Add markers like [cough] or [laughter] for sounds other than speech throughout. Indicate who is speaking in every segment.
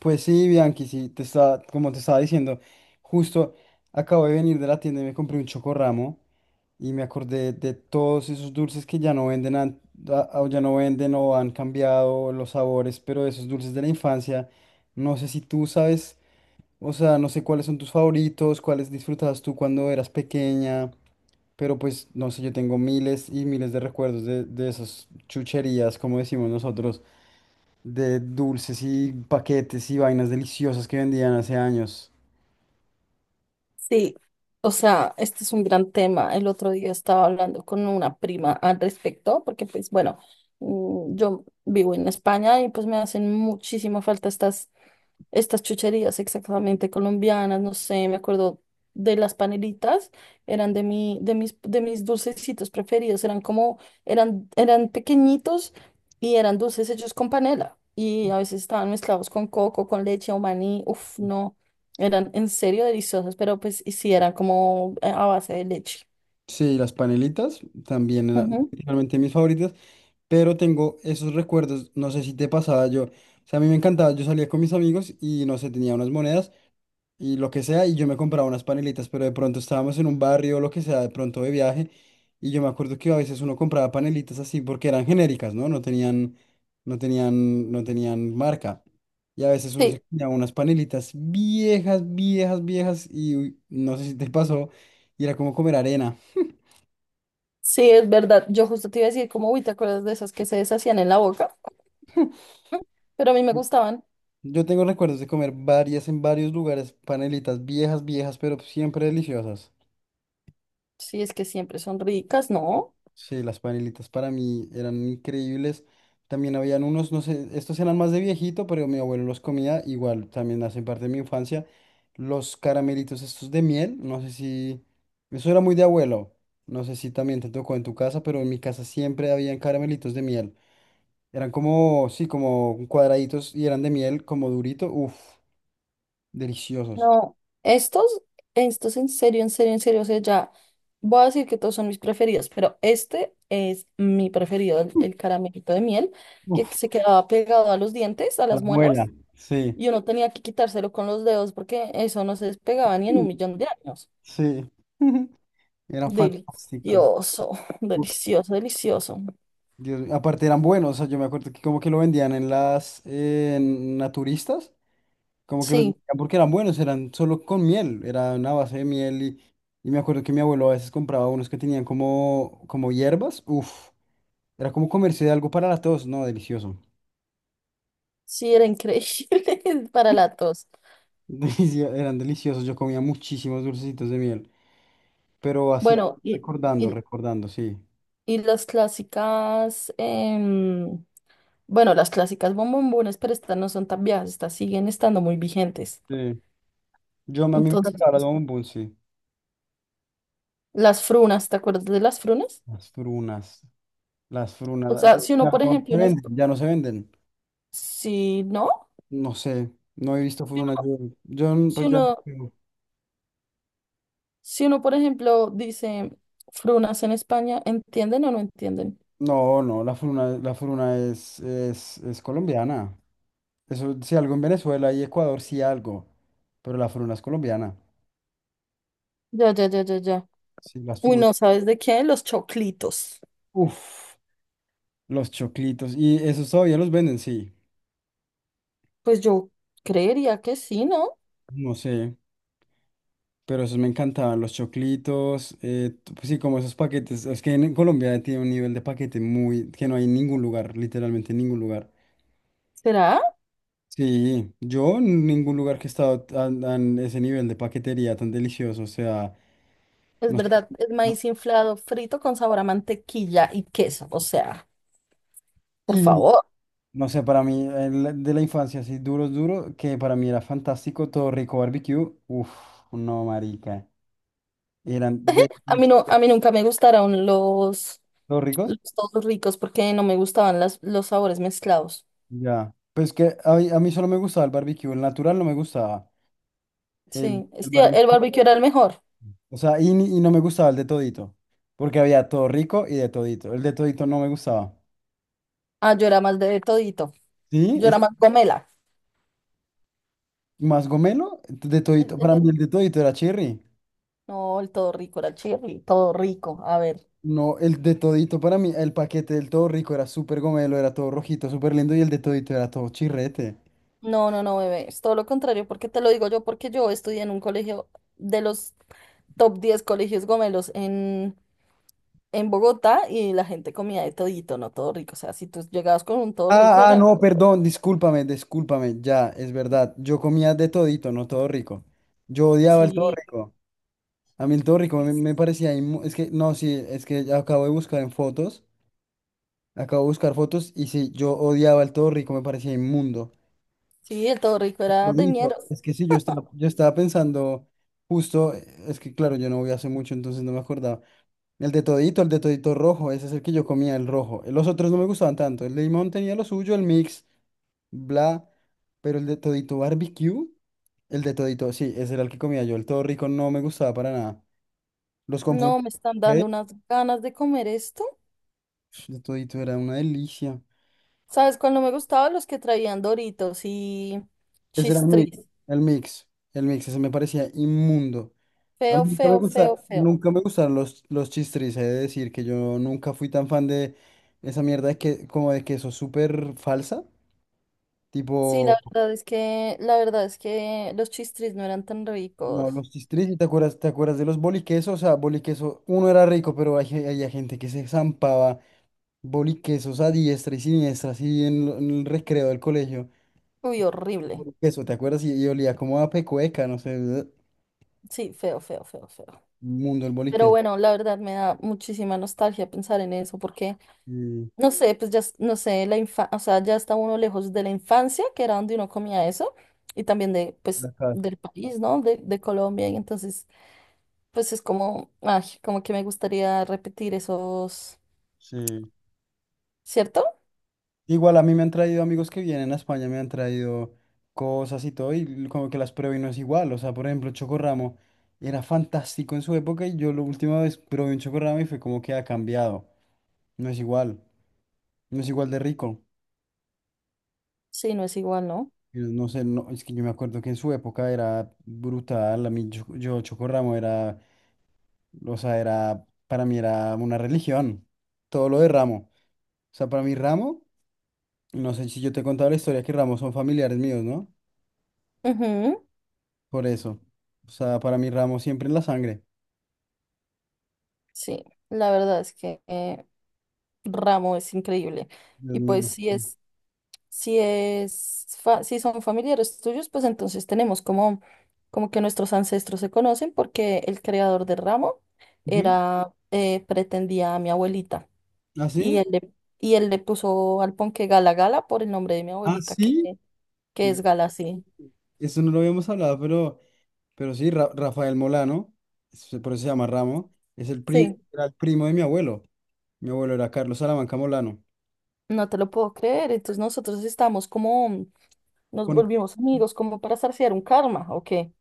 Speaker 1: Pues sí, Bianchi, sí, te estaba, como te estaba diciendo, justo acabo de venir de la tienda y me compré un chocorramo y me acordé de todos esos dulces que ya no venden, o ya no venden o han cambiado los sabores, pero esos dulces de la infancia, no sé si tú sabes, o sea, no sé cuáles son tus favoritos, cuáles disfrutabas tú cuando eras pequeña, pero pues no sé, yo tengo miles y miles de recuerdos de esas chucherías, como decimos nosotros, de dulces y paquetes y vainas deliciosas que vendían hace años.
Speaker 2: Sí, o sea, este es un gran tema. El otro día estaba hablando con una prima al respecto, porque pues bueno, yo vivo en España y pues me hacen muchísima falta estas chucherías exactamente colombianas, no sé, me acuerdo de las panelitas, eran de mis dulcecitos preferidos, eran como, eran pequeñitos y eran dulces hechos con panela y a veces estaban mezclados con coco, con leche o maní, uf, no, eran en serio deliciosos, pero pues y sí eran como a base de leche.
Speaker 1: Sí, las panelitas también eran
Speaker 2: Ujú.
Speaker 1: realmente mis favoritas, pero tengo esos recuerdos, no sé si te pasaba, yo, o sea, a mí me encantaba, yo salía con mis amigos y no sé, tenía unas monedas, y lo que sea, y yo me compraba unas panelitas, pero de pronto estábamos en un barrio o lo que sea, de pronto de viaje, y yo me acuerdo que a veces uno compraba panelitas así porque eran genéricas, ¿no? No tenían marca. Y a veces uno se
Speaker 2: Sí,
Speaker 1: compraba unas panelitas viejas, viejas, viejas, y uy, no sé si te [laughs] pasó, y era como comer arena.
Speaker 2: sí, es verdad, yo justo te iba a decir como, uy, ¿te acuerdas de esas que se deshacían en la boca? [laughs] Pero a mí me gustaban,
Speaker 1: Yo tengo recuerdos de comer varias en varios lugares, panelitas viejas, viejas, pero siempre deliciosas.
Speaker 2: sí, es que siempre son ricas, ¿no?
Speaker 1: Sí, las panelitas para mí eran increíbles. También habían unos, no sé, estos eran más de viejito, pero mi abuelo los comía igual, también hacen parte de mi infancia. Los caramelitos estos de miel, no sé si, eso era muy de abuelo, no sé si también te tocó en tu casa, pero en mi casa siempre habían caramelitos de miel. Eran como, sí, como cuadraditos y eran de miel, como durito, uff, deliciosos.
Speaker 2: No, estos, estos en serio, en serio, en serio, o sea, ya voy a decir que todos son mis preferidos, pero este es mi preferido, el caramelito de miel, que
Speaker 1: Uf,
Speaker 2: se quedaba pegado a los dientes, a
Speaker 1: a
Speaker 2: las
Speaker 1: la muela,
Speaker 2: muelas,
Speaker 1: sí,
Speaker 2: y uno tenía que quitárselo con los dedos porque eso no se despegaba ni en 1 millón de años.
Speaker 1: sí, [laughs] era fantástico.
Speaker 2: Delicioso, [laughs] delicioso, delicioso.
Speaker 1: Dios mío, aparte eran buenos, o sea, yo me acuerdo que como que lo vendían en las en naturistas, como que los
Speaker 2: Sí,
Speaker 1: vendían porque eran buenos, eran solo con miel, era una base de miel, y me acuerdo que mi abuelo a veces compraba unos que tenían como, como hierbas, uff, era como comercio de algo para la tos, no, delicioso,
Speaker 2: sí, era increíble [laughs] para la tos.
Speaker 1: [laughs] Eran deliciosos, yo comía muchísimos dulcecitos de miel, pero así
Speaker 2: Bueno,
Speaker 1: recordando,
Speaker 2: y,
Speaker 1: recordando, sí.
Speaker 2: y las clásicas. Bueno, las clásicas bombombones, pero estas no son tan viejas, estas siguen estando muy vigentes.
Speaker 1: Sí. Yo a mí me
Speaker 2: Entonces,
Speaker 1: encantaba las bombón, sí.
Speaker 2: las frunas, ¿te acuerdas de las frunas?
Speaker 1: Las frunas, las frunas,
Speaker 2: O
Speaker 1: la-
Speaker 2: sea, si uno,
Speaker 1: ya
Speaker 2: por
Speaker 1: no
Speaker 2: ejemplo,
Speaker 1: se
Speaker 2: en es-
Speaker 1: venden, ya no se venden.
Speaker 2: si no,
Speaker 1: No sé, no he visto Furuna. Yo,
Speaker 2: si
Speaker 1: pues ya no
Speaker 2: uno,
Speaker 1: juego.
Speaker 2: por ejemplo, dice frunas en España, ¿entienden o no entienden?
Speaker 1: No, no, la Furuna es colombiana. Eso, si algo en Venezuela y Ecuador, sí algo. Pero la Furuna es colombiana.
Speaker 2: Ya, ya, ya, ya, ya.
Speaker 1: Sí, las
Speaker 2: Uy,
Speaker 1: Furunas.
Speaker 2: no, ¿sabes de qué? Los choclitos.
Speaker 1: Uf, los choclitos. Y esos todavía los venden, sí.
Speaker 2: Pues yo creería que sí, ¿no?
Speaker 1: No sé, pero esos me encantaban. Los choclitos, pues sí, como esos paquetes. Es que en Colombia tiene un nivel de paquete muy, que no hay en ningún lugar, literalmente en ningún lugar.
Speaker 2: ¿Será?
Speaker 1: Sí, yo en ningún lugar que he estado tan, tan ese nivel de paquetería tan delicioso, o sea,
Speaker 2: Es
Speaker 1: no sé,
Speaker 2: verdad, es
Speaker 1: no-
Speaker 2: maíz inflado, frito con sabor a mantequilla y queso. O sea, por
Speaker 1: y
Speaker 2: favor.
Speaker 1: no sé, para mí el de la infancia así duro, duro, que para mí era fantástico, todo rico barbecue, uff, no marica, eran de
Speaker 2: A mí no, a mí nunca me gustaron
Speaker 1: todos ricos,
Speaker 2: los todos ricos porque no me gustaban los sabores mezclados.
Speaker 1: ya, pues que mí, a mí solo me gustaba el barbecue, el natural no me gustaba, el,
Speaker 2: Sí,
Speaker 1: el
Speaker 2: sí, el
Speaker 1: barbecue,
Speaker 2: barbecue era el mejor.
Speaker 1: o sea, y no me gustaba el de todito, porque había todo rico y de todito, el de todito no me gustaba,
Speaker 2: Ah, yo era más de todito.
Speaker 1: ¿sí?
Speaker 2: Yo era más gomela.
Speaker 1: ¿Más gomelo? De
Speaker 2: El-
Speaker 1: todito,
Speaker 2: el
Speaker 1: para mí
Speaker 2: otro-
Speaker 1: el de todito era cherry.
Speaker 2: no, el todo rico era el chirri, todo rico. A ver.
Speaker 1: No, el de todito para mí, el paquete del todo rico era súper gomelo, era todo rojito, súper lindo y el de todito era todo chirrete.
Speaker 2: No, no, no, bebé. Es todo lo contrario, porque te lo digo yo, porque yo estudié en un colegio de los top 10 colegios gomelos en Bogotá y la gente comía de todito, no todo rico. O sea, si tú llegabas con un todo rico,
Speaker 1: Ah, ah,
Speaker 2: eran.
Speaker 1: no, perdón, discúlpame, discúlpame, ya, es verdad. Yo comía de todito, no todo rico. Yo odiaba el todo
Speaker 2: Sí.
Speaker 1: rico. A mí el todo rico me, me parecía, es que, no, sí, es que ya acabo de buscar en fotos, acabo de buscar fotos y sí, yo odiaba el todo rico, me parecía inmundo.
Speaker 2: Sí, el todo rico era de
Speaker 1: Bonito.
Speaker 2: ñeros.
Speaker 1: Es que sí, yo estaba pensando justo, es que claro, yo no voy hace mucho, entonces no me acordaba. El de todito rojo, ese es el que yo comía, el rojo. Los otros no me gustaban tanto. El de limón tenía lo suyo, el mix, bla, pero el de todito barbecue, el de todito, sí, ese era el que comía yo. El todo rico no me gustaba para nada. Los confundí.
Speaker 2: No, me están dando
Speaker 1: ¿Ok?
Speaker 2: unas ganas de comer esto.
Speaker 1: El de todito era una delicia.
Speaker 2: ¿Sabes cuál no me gustaba? Los que traían Doritos y
Speaker 1: Ese era el mix,
Speaker 2: Chistris.
Speaker 1: el mix, ese me parecía inmundo. A mí
Speaker 2: Feo,
Speaker 1: nunca me
Speaker 2: feo,
Speaker 1: gusta,
Speaker 2: feo, feo.
Speaker 1: nunca me gustaron los chistris, he de decir que yo nunca fui tan fan de esa mierda de que, como de queso súper falsa.
Speaker 2: Sí, la
Speaker 1: Tipo,
Speaker 2: verdad es que, la verdad es que los Chistris no eran tan
Speaker 1: no,
Speaker 2: ricos.
Speaker 1: los chistris, ¿y te acuerdas de los boliquesos? O sea, boliqueso, uno era rico, pero hay gente que se zampaba boliquesos a diestra y siniestra, así en, en el recreo del colegio.
Speaker 2: Uy, horrible.
Speaker 1: Boliqueso, ¿te acuerdas? Y olía como a pecueca, no sé,
Speaker 2: Sí, feo, feo, feo, feo.
Speaker 1: [smacks lips] mundo el
Speaker 2: Pero
Speaker 1: boliqueso.
Speaker 2: bueno, la verdad me da muchísima nostalgia pensar en eso porque
Speaker 1: Y
Speaker 2: no sé, pues ya, no sé, o sea, ya está uno lejos de la infancia, que era donde uno comía eso, y también pues,
Speaker 1: la casa,
Speaker 2: del país, ¿no? De Colombia, y entonces, pues es como, ay, como que me gustaría repetir esos,
Speaker 1: sí.
Speaker 2: ¿cierto?
Speaker 1: Igual a mí me han traído amigos que vienen a España, me han traído cosas y todo, y como que las pruebo y no es igual. O sea, por ejemplo, chocorramo era fantástico en su época y yo la última vez probé un chocorramo y fue como que ha cambiado. No es igual, no es igual de rico.
Speaker 2: Sí, no es igual, ¿no?
Speaker 1: Y no sé, no, es que yo me acuerdo que en su época era brutal. A mí, yo chocorramo era, o sea, era, para mí era una religión. Todo lo de ramo. O sea, para mí ramo, no sé si yo te he contado la historia que ramos son familiares míos, ¿no?
Speaker 2: Ujú.
Speaker 1: Por eso. O sea, para mí Ramos siempre en la sangre.
Speaker 2: Sí, la verdad es que Ramo es increíble,
Speaker 1: Dios
Speaker 2: y pues
Speaker 1: mío.
Speaker 2: sí es. Si si son familiares tuyos, pues entonces tenemos como, como que nuestros ancestros se conocen porque el creador del ramo
Speaker 1: Ujú.
Speaker 2: pretendía a mi abuelita
Speaker 1: ¿Ah,
Speaker 2: y
Speaker 1: sí?
Speaker 2: él le, y él le puso al ponque Gala Gala por el nombre de mi
Speaker 1: ¿Ah,
Speaker 2: abuelita,
Speaker 1: sí?
Speaker 2: que es Gala, sí.
Speaker 1: Eso no lo habíamos hablado, pero sí, Rafael Molano, por eso se llama Ramo, es el,
Speaker 2: Sí,
Speaker 1: era el primo de mi abuelo. Mi abuelo era Carlos Salamanca Molano.
Speaker 2: no te lo puedo creer. Entonces nosotros estamos como, nos
Speaker 1: Conecto.
Speaker 2: volvimos amigos como para saciar un karma, ¿o qué?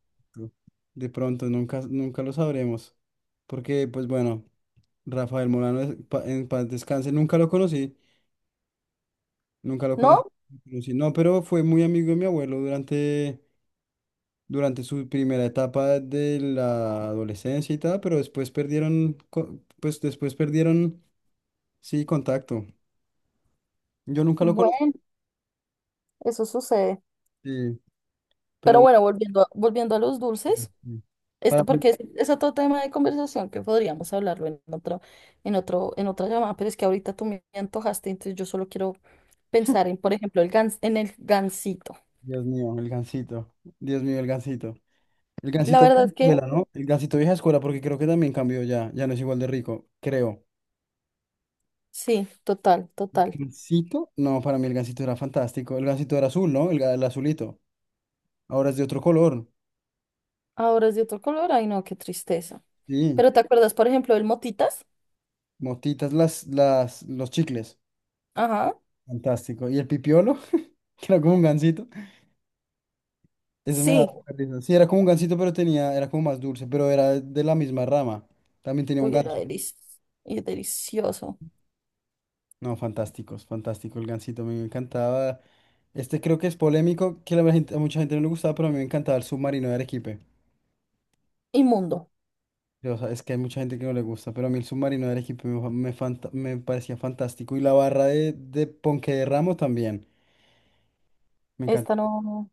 Speaker 1: De pronto, nunca, nunca lo sabremos. Porque, pues bueno, Rafael Molano, en paz descanse, nunca lo conocí, nunca lo conocí.
Speaker 2: ¿No?
Speaker 1: Conocí. No, pero fue muy amigo de mi abuelo durante durante su primera etapa de la adolescencia y tal, pero después perdieron, pues después perdieron, sí, contacto. Yo nunca lo conocí,
Speaker 2: Bueno, eso sucede.
Speaker 1: sí, pero
Speaker 2: Pero
Speaker 1: bueno,
Speaker 2: bueno, volviendo a los dulces.
Speaker 1: sí. Para
Speaker 2: Esto
Speaker 1: mí,
Speaker 2: porque es otro tema de conversación que podríamos hablarlo en otro, en otra llamada, pero es que ahorita tú me antojaste, entonces yo solo quiero pensar en, por ejemplo, en el gansito.
Speaker 1: Dios mío, el Gansito, Dios mío, el Gansito. El
Speaker 2: La
Speaker 1: Gansito
Speaker 2: verdad
Speaker 1: vieja
Speaker 2: es que
Speaker 1: escuela, ¿no? El Gansito vieja escuela, porque creo que también cambió ya, ya no es igual de rico, creo.
Speaker 2: sí, total, total.
Speaker 1: ¿Gansito? No, para mí el Gansito era fantástico. El Gansito era azul, ¿no? El, el azulito. Ahora es de otro color.
Speaker 2: Ahora es de otro color, ay no, qué tristeza.
Speaker 1: Sí,
Speaker 2: Pero ¿te acuerdas, por ejemplo, del motitas?
Speaker 1: motitas los chicles.
Speaker 2: Ajá.
Speaker 1: Fantástico. ¿Y el pipiolo? Que era como un gansito. Ese me daba
Speaker 2: Sí,
Speaker 1: mucha risa. Sí, era como un gansito, pero tenía, era como más dulce, pero era de la misma rama. También tenía un
Speaker 2: uy,
Speaker 1: ganso.
Speaker 2: y delicioso.
Speaker 1: No, fantásticos, fantástico el gansito, a mí me encantaba. Este creo que es polémico, que a mucha gente no le gustaba, pero a mí me encantaba el submarino de Arequipe.
Speaker 2: Inmundo.
Speaker 1: O sea, es que hay mucha gente que no le gusta, pero a mí el submarino de Arequipe me, me parecía fantástico. Y la barra de Ponque de Ramo también. Me
Speaker 2: Esta
Speaker 1: encantaba.
Speaker 2: no,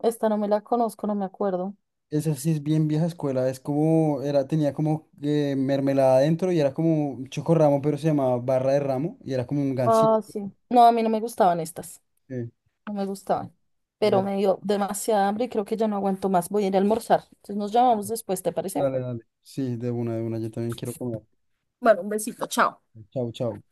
Speaker 2: esta no me la conozco, no me acuerdo.
Speaker 1: Esa sí es bien vieja escuela, es como, era, tenía como mermelada adentro y era como un chocorramo, pero se llamaba barra de ramo y era como un
Speaker 2: Ah,
Speaker 1: gansito.
Speaker 2: sí. No, a mí no me gustaban estas.
Speaker 1: eh,
Speaker 2: No me gustaban, pero
Speaker 1: de-
Speaker 2: me dio demasiada hambre y creo que ya no aguanto más. Voy a ir a almorzar. Entonces nos llamamos después, ¿te parece?
Speaker 1: Dale, dale. Sí, de una, yo también quiero comer.
Speaker 2: Bueno, un besito, chao.
Speaker 1: Chao, chao.